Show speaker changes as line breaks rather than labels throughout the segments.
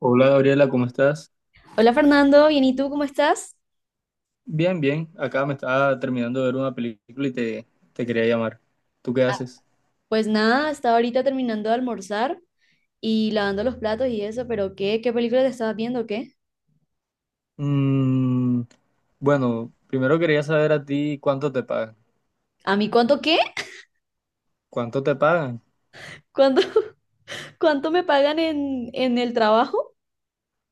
Hola Gabriela, ¿cómo estás?
Hola Fernando, bien, ¿y tú cómo estás?
Bien, bien. Acá me estaba terminando de ver una película y te quería llamar. ¿Tú qué haces?
Pues nada, estaba ahorita terminando de almorzar y lavando los platos y eso, pero ¿qué? ¿Qué película te estabas viendo o qué?
Mm, bueno, primero quería saber a ti cuánto te pagan.
¿A mí cuánto qué?
¿Cuánto te pagan?
¿Cuánto, cuánto me pagan en el trabajo?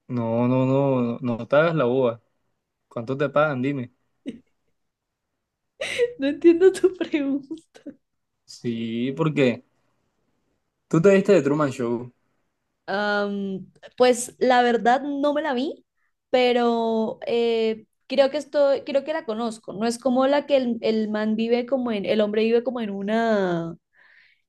No, no, no, no, no te hagas la boba. ¿Cuánto te pagan? Dime.
No entiendo tu pregunta.
Sí, porque tú te viste de Truman Show.
Am, pues la verdad no me la vi, pero creo que estoy, creo que la conozco. ¿No es como la que el man vive como en, el hombre vive como en una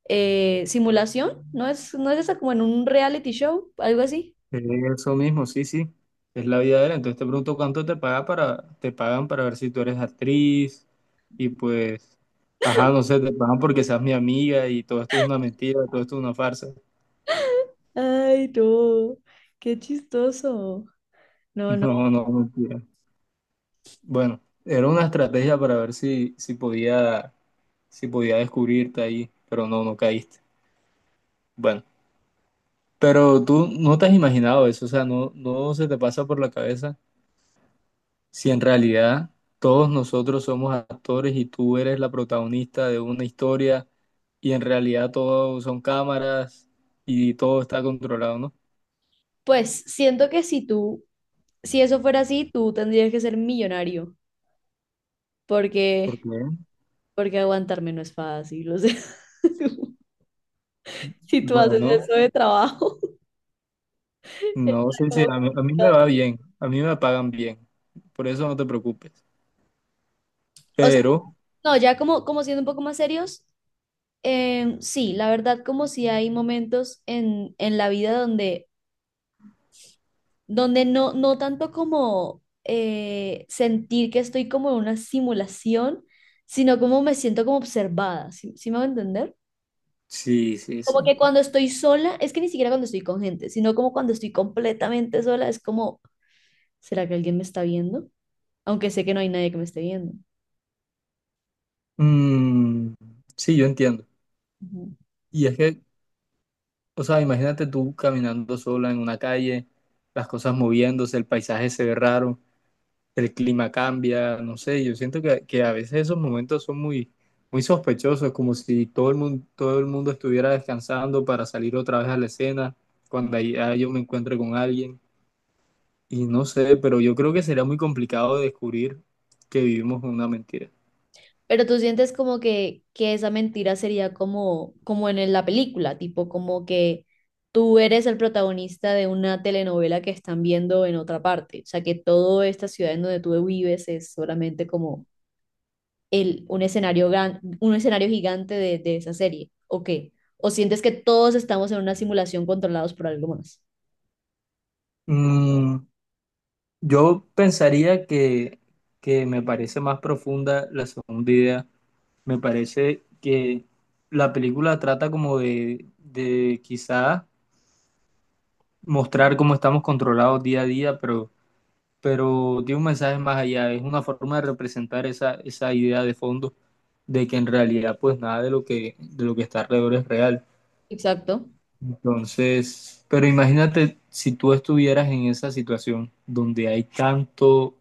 simulación, ¿no es esa como en un reality show, algo así?
Eso mismo, sí, sí. Es la vida de él. Entonces te pregunto cuánto te paga para, te pagan para ver si tú eres actriz y pues, ajá, no sé, te pagan porque seas mi amiga y todo esto es una mentira, todo esto es una farsa.
Ay, no, qué chistoso. No, no.
No, no, mentira. Bueno, era una estrategia para ver si podía, si podía descubrirte ahí, pero no, no caíste. Bueno, pero tú no te has imaginado eso, o sea, no, no se te pasa por la cabeza si en realidad todos nosotros somos actores y tú eres la protagonista de una historia y en realidad todo son cámaras y todo está controlado, ¿no?
Pues siento que si tú, si eso fuera así, tú tendrías que ser millonario, porque,
Porque,
porque aguantarme no es fácil, o sea, si tú haces
bueno,
eso de trabajo, está
no sé si
como
a mí me
complicado.
va bien, a mí me pagan bien, por eso no te preocupes.
O sea,
Pero,
no, ya como, como siendo un poco más serios, sí, la verdad, como si hay momentos en la vida donde donde no tanto como sentir que estoy como en una simulación, sino como me siento como observada, ¿sí, sí me va a entender?
sí, sí, sí.
Como que cuando estoy sola, es que ni siquiera cuando estoy con gente, sino como cuando estoy completamente sola, es como, ¿será que alguien me está viendo? Aunque sé que no hay nadie que me esté viendo.
Mm, sí, yo entiendo.
Ujú.
Y es que, o sea, imagínate tú caminando sola en una calle, las cosas moviéndose, el paisaje se ve raro. El clima cambia, no sé, yo siento que a veces esos momentos son muy, muy sospechosos, como si todo el mundo estuviera descansando para salir otra vez a la escena, yo me encuentre con alguien, y no sé, pero yo creo que sería muy complicado descubrir que vivimos una mentira.
Pero tú sientes como que esa mentira sería como, como en la película, tipo como que tú eres el protagonista de una telenovela que están viendo en otra parte. O sea, que toda esta ciudad en donde tú vives es solamente como el, un escenario gran, un escenario gigante de esa serie. ¿O qué? ¿O sientes que todos estamos en una simulación controlados por algo más?
Mm, yo pensaría que me parece más profunda la segunda idea, me parece que la película trata como de quizás mostrar cómo estamos controlados día a día, pero tiene un mensaje más allá, es una forma de representar esa, esa idea de fondo de que en realidad pues nada de lo de lo que está alrededor es real.
Exacto.
Entonces, pero imagínate si tú estuvieras en esa situación donde hay tanto,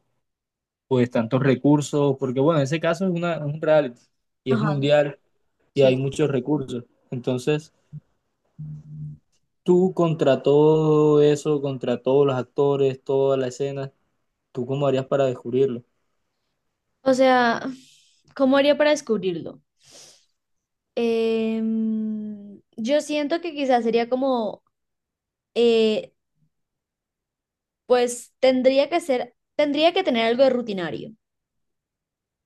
pues tantos recursos, porque bueno, en ese caso es es un reality y es
Ajá,
mundial y
sí.
hay muchos recursos. Entonces, tú contra todo eso, contra todos los actores, toda la escena, ¿tú cómo harías para descubrirlo?
O sea, ¿cómo haría para descubrirlo? Yo siento que quizás sería como, eh, pues tendría que ser, tendría que tener algo de rutinario.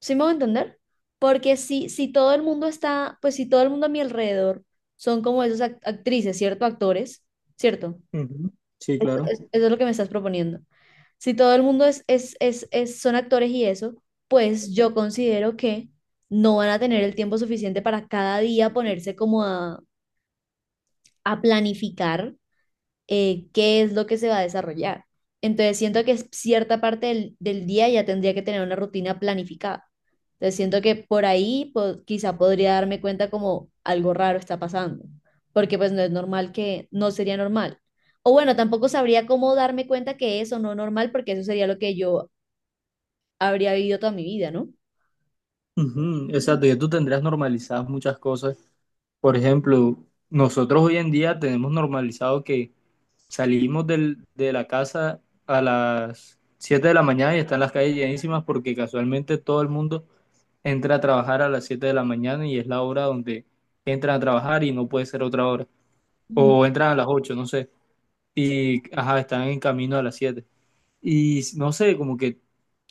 ¿Sí me voy a entender? Porque si, si todo el mundo está, pues si todo el mundo a mi alrededor son como esas actrices, ¿cierto? Actores, ¿cierto?
Ujú, sí, claro.
Eso es lo que me estás proponiendo. Si todo el mundo es, son actores y eso, pues yo considero que no van a tener el tiempo suficiente para cada día ponerse como a planificar qué es lo que se va a desarrollar. Entonces siento que es cierta parte del, del día ya tendría que tener una rutina planificada. Entonces siento que por ahí quizá podría darme cuenta como algo raro está pasando, porque pues no es normal que, no sería normal. O bueno, tampoco sabría cómo darme cuenta que eso no es normal, porque eso sería lo que yo habría vivido toda mi vida, ¿no?
Ujú, exacto, ya tú tendrías normalizadas muchas cosas. Por ejemplo, nosotros hoy en día tenemos normalizado que de la casa a las 7 de la mañana y están las calles llenísimas porque casualmente todo el mundo entra a trabajar a las 7 de la mañana y es la hora donde entran a trabajar y no puede ser otra hora.
Ujú.
O entran a las 8, no sé. Y, ajá, están en camino a las 7. Y no sé, como que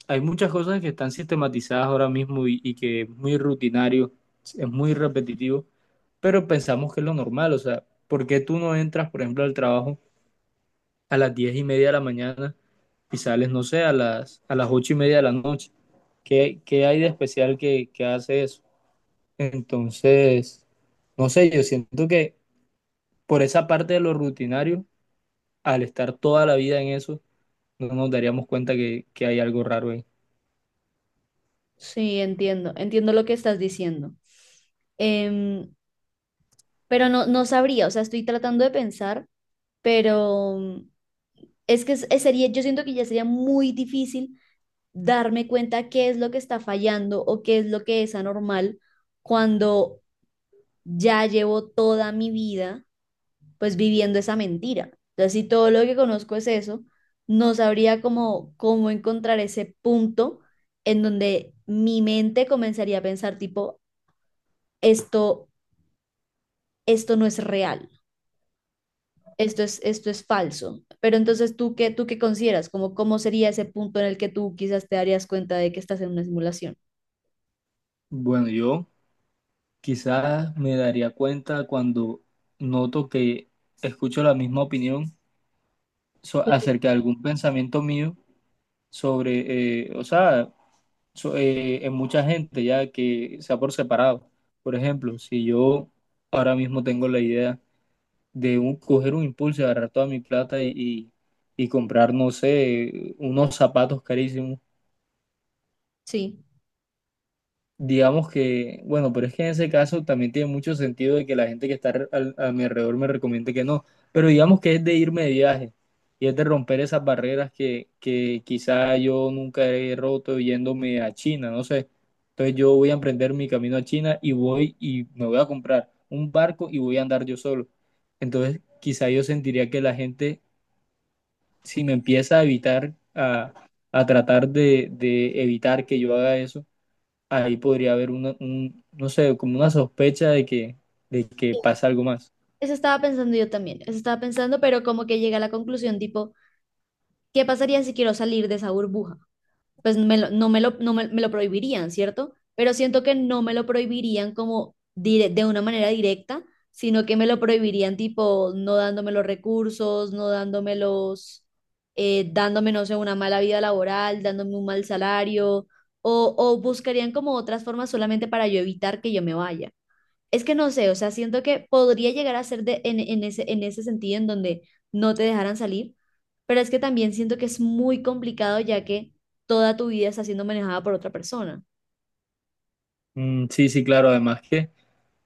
hay muchas cosas que están sistematizadas ahora mismo y que es muy rutinario, es muy repetitivo, pero pensamos que es lo normal. O sea, ¿por qué tú no entras, por ejemplo, al trabajo a las 10:30 de la mañana y sales, no sé, a las 8:30 de la noche? ¿Qué, qué hay de especial que hace eso? Entonces, no sé, yo siento que por esa parte de lo rutinario, al estar toda la vida en eso, no nos daríamos cuenta que hay algo raro ahí.
Sí, entiendo, entiendo lo que estás diciendo. Em, pero no, no sabría, o sea, estoy tratando de pensar, pero es que sería, yo siento que ya sería muy difícil darme cuenta qué es lo que está fallando o qué es lo que es anormal cuando ya llevo toda mi vida pues viviendo esa mentira. Entonces, si todo lo que conozco es eso, no sabría cómo, cómo encontrar ese punto en donde mi mente comenzaría a pensar tipo, esto, esto no es real, esto es falso. Pero entonces, tú qué consideras? Como, ¿cómo sería ese punto en el que tú quizás te darías cuenta de que estás en una simulación?
Bueno, yo. Quizás me daría cuenta cuando noto que escucho la misma opinión so- acerca de algún pensamiento mío sobre, o sea, so- en mucha gente ya que sea por separado. Por ejemplo, si yo ahora mismo tengo la idea de coger un impulso, agarrar toda mi plata y comprar, no sé, unos zapatos carísimos.
Sí,
Digamos que, bueno, pero es que en ese caso también tiene mucho sentido de que la gente que está a mi alrededor me recomiende que no, pero digamos que es de irme de viaje y es de romper esas barreras que quizá yo nunca he roto yéndome a China, no sé. Entonces yo voy a emprender mi camino a China y voy y me voy a comprar un barco y voy a andar yo solo. Entonces quizá yo sentiría que la gente, si me empieza a evitar, a tratar de evitar que yo haga eso, ahí podría haber un, no sé, como una sospecha de de que pasa algo más.
eso estaba pensando yo también, eso estaba pensando, pero como que llegué a la conclusión tipo, ¿qué pasaría si quiero salir de esa burbuja? Pues no me lo, no me, me lo prohibirían, ¿cierto? Pero siento que no me lo prohibirían como de una manera directa, sino que me lo prohibirían tipo no dándome los recursos, no dándome los, dándome, no sé, una mala vida laboral, dándome un mal salario, o buscarían como otras formas solamente para yo evitar que yo me vaya. Es que no sé, o sea, siento que podría llegar a ser de, en ese sentido en donde no te dejaran salir, pero es que también siento que es muy complicado ya que toda tu vida está siendo manejada por otra persona.
Sí, sí, claro, además que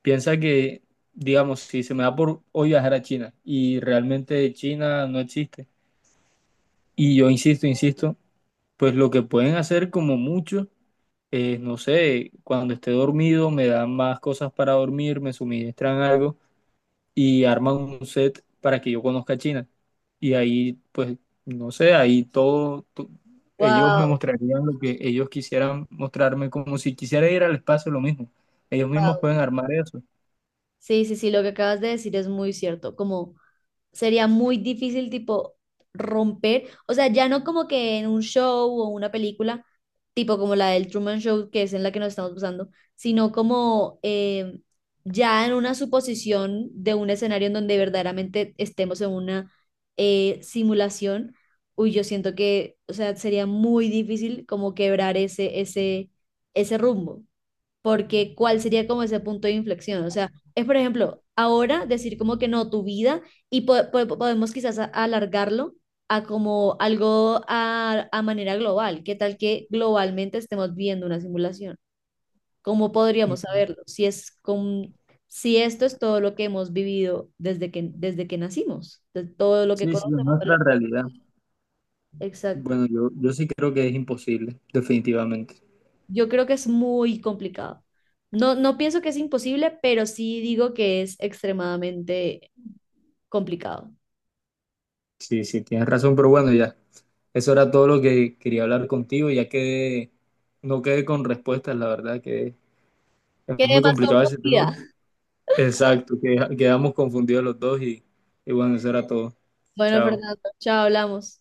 piensa que, digamos, si se me da por hoy viajar a China y realmente China no existe, y yo insisto, insisto, pues lo que pueden hacer como mucho es, no sé, cuando esté dormido me dan más cosas para dormir, me suministran algo y arman un set para que yo conozca a China. Y ahí, pues, no sé, ahí ellos me
Wow,
mostrarían lo que ellos quisieran mostrarme, como si quisiera ir al espacio, lo mismo. Ellos mismos
wow.
pueden armar eso.
Sí, sí, sí, lo que acabas de decir es muy cierto, como sería muy difícil tipo romper, o sea, ya no como que en un show o una película, tipo como la del Truman Show, que es en la que nos estamos usando, sino como ya en una suposición de un escenario en donde verdaderamente estemos en una simulación, uy, yo siento que, o sea, sería muy difícil como quebrar ese rumbo, porque cuál sería como ese punto de inflexión. O sea, es por ejemplo, ahora decir como que no, tu vida, y podemos quizás alargarlo a como algo a manera global. ¿Qué tal que globalmente estemos viendo una simulación? ¿Cómo podríamos
Ujú.
saberlo? Si es con, si esto es todo lo que hemos vivido desde que nacimos, de todo lo
Sí,
que
sí, es
conocemos.
nuestra realidad.
Exacto.
Bueno, yo sí creo que es imposible, definitivamente.
Yo creo que es muy complicado. No, no pienso que es imposible, pero sí digo que es extremadamente complicado.
Sí, sí, tienes razón, pero bueno, ya. Eso era todo lo que quería hablar contigo, ya que no quedé con respuestas, la verdad que es
Quedé
muy
más
complicado ese
confundida.
tema. Exacto, que- quedamos confundidos los dos y bueno, eso era todo.
Bueno,
Chao.
Fernando, chao, hablamos.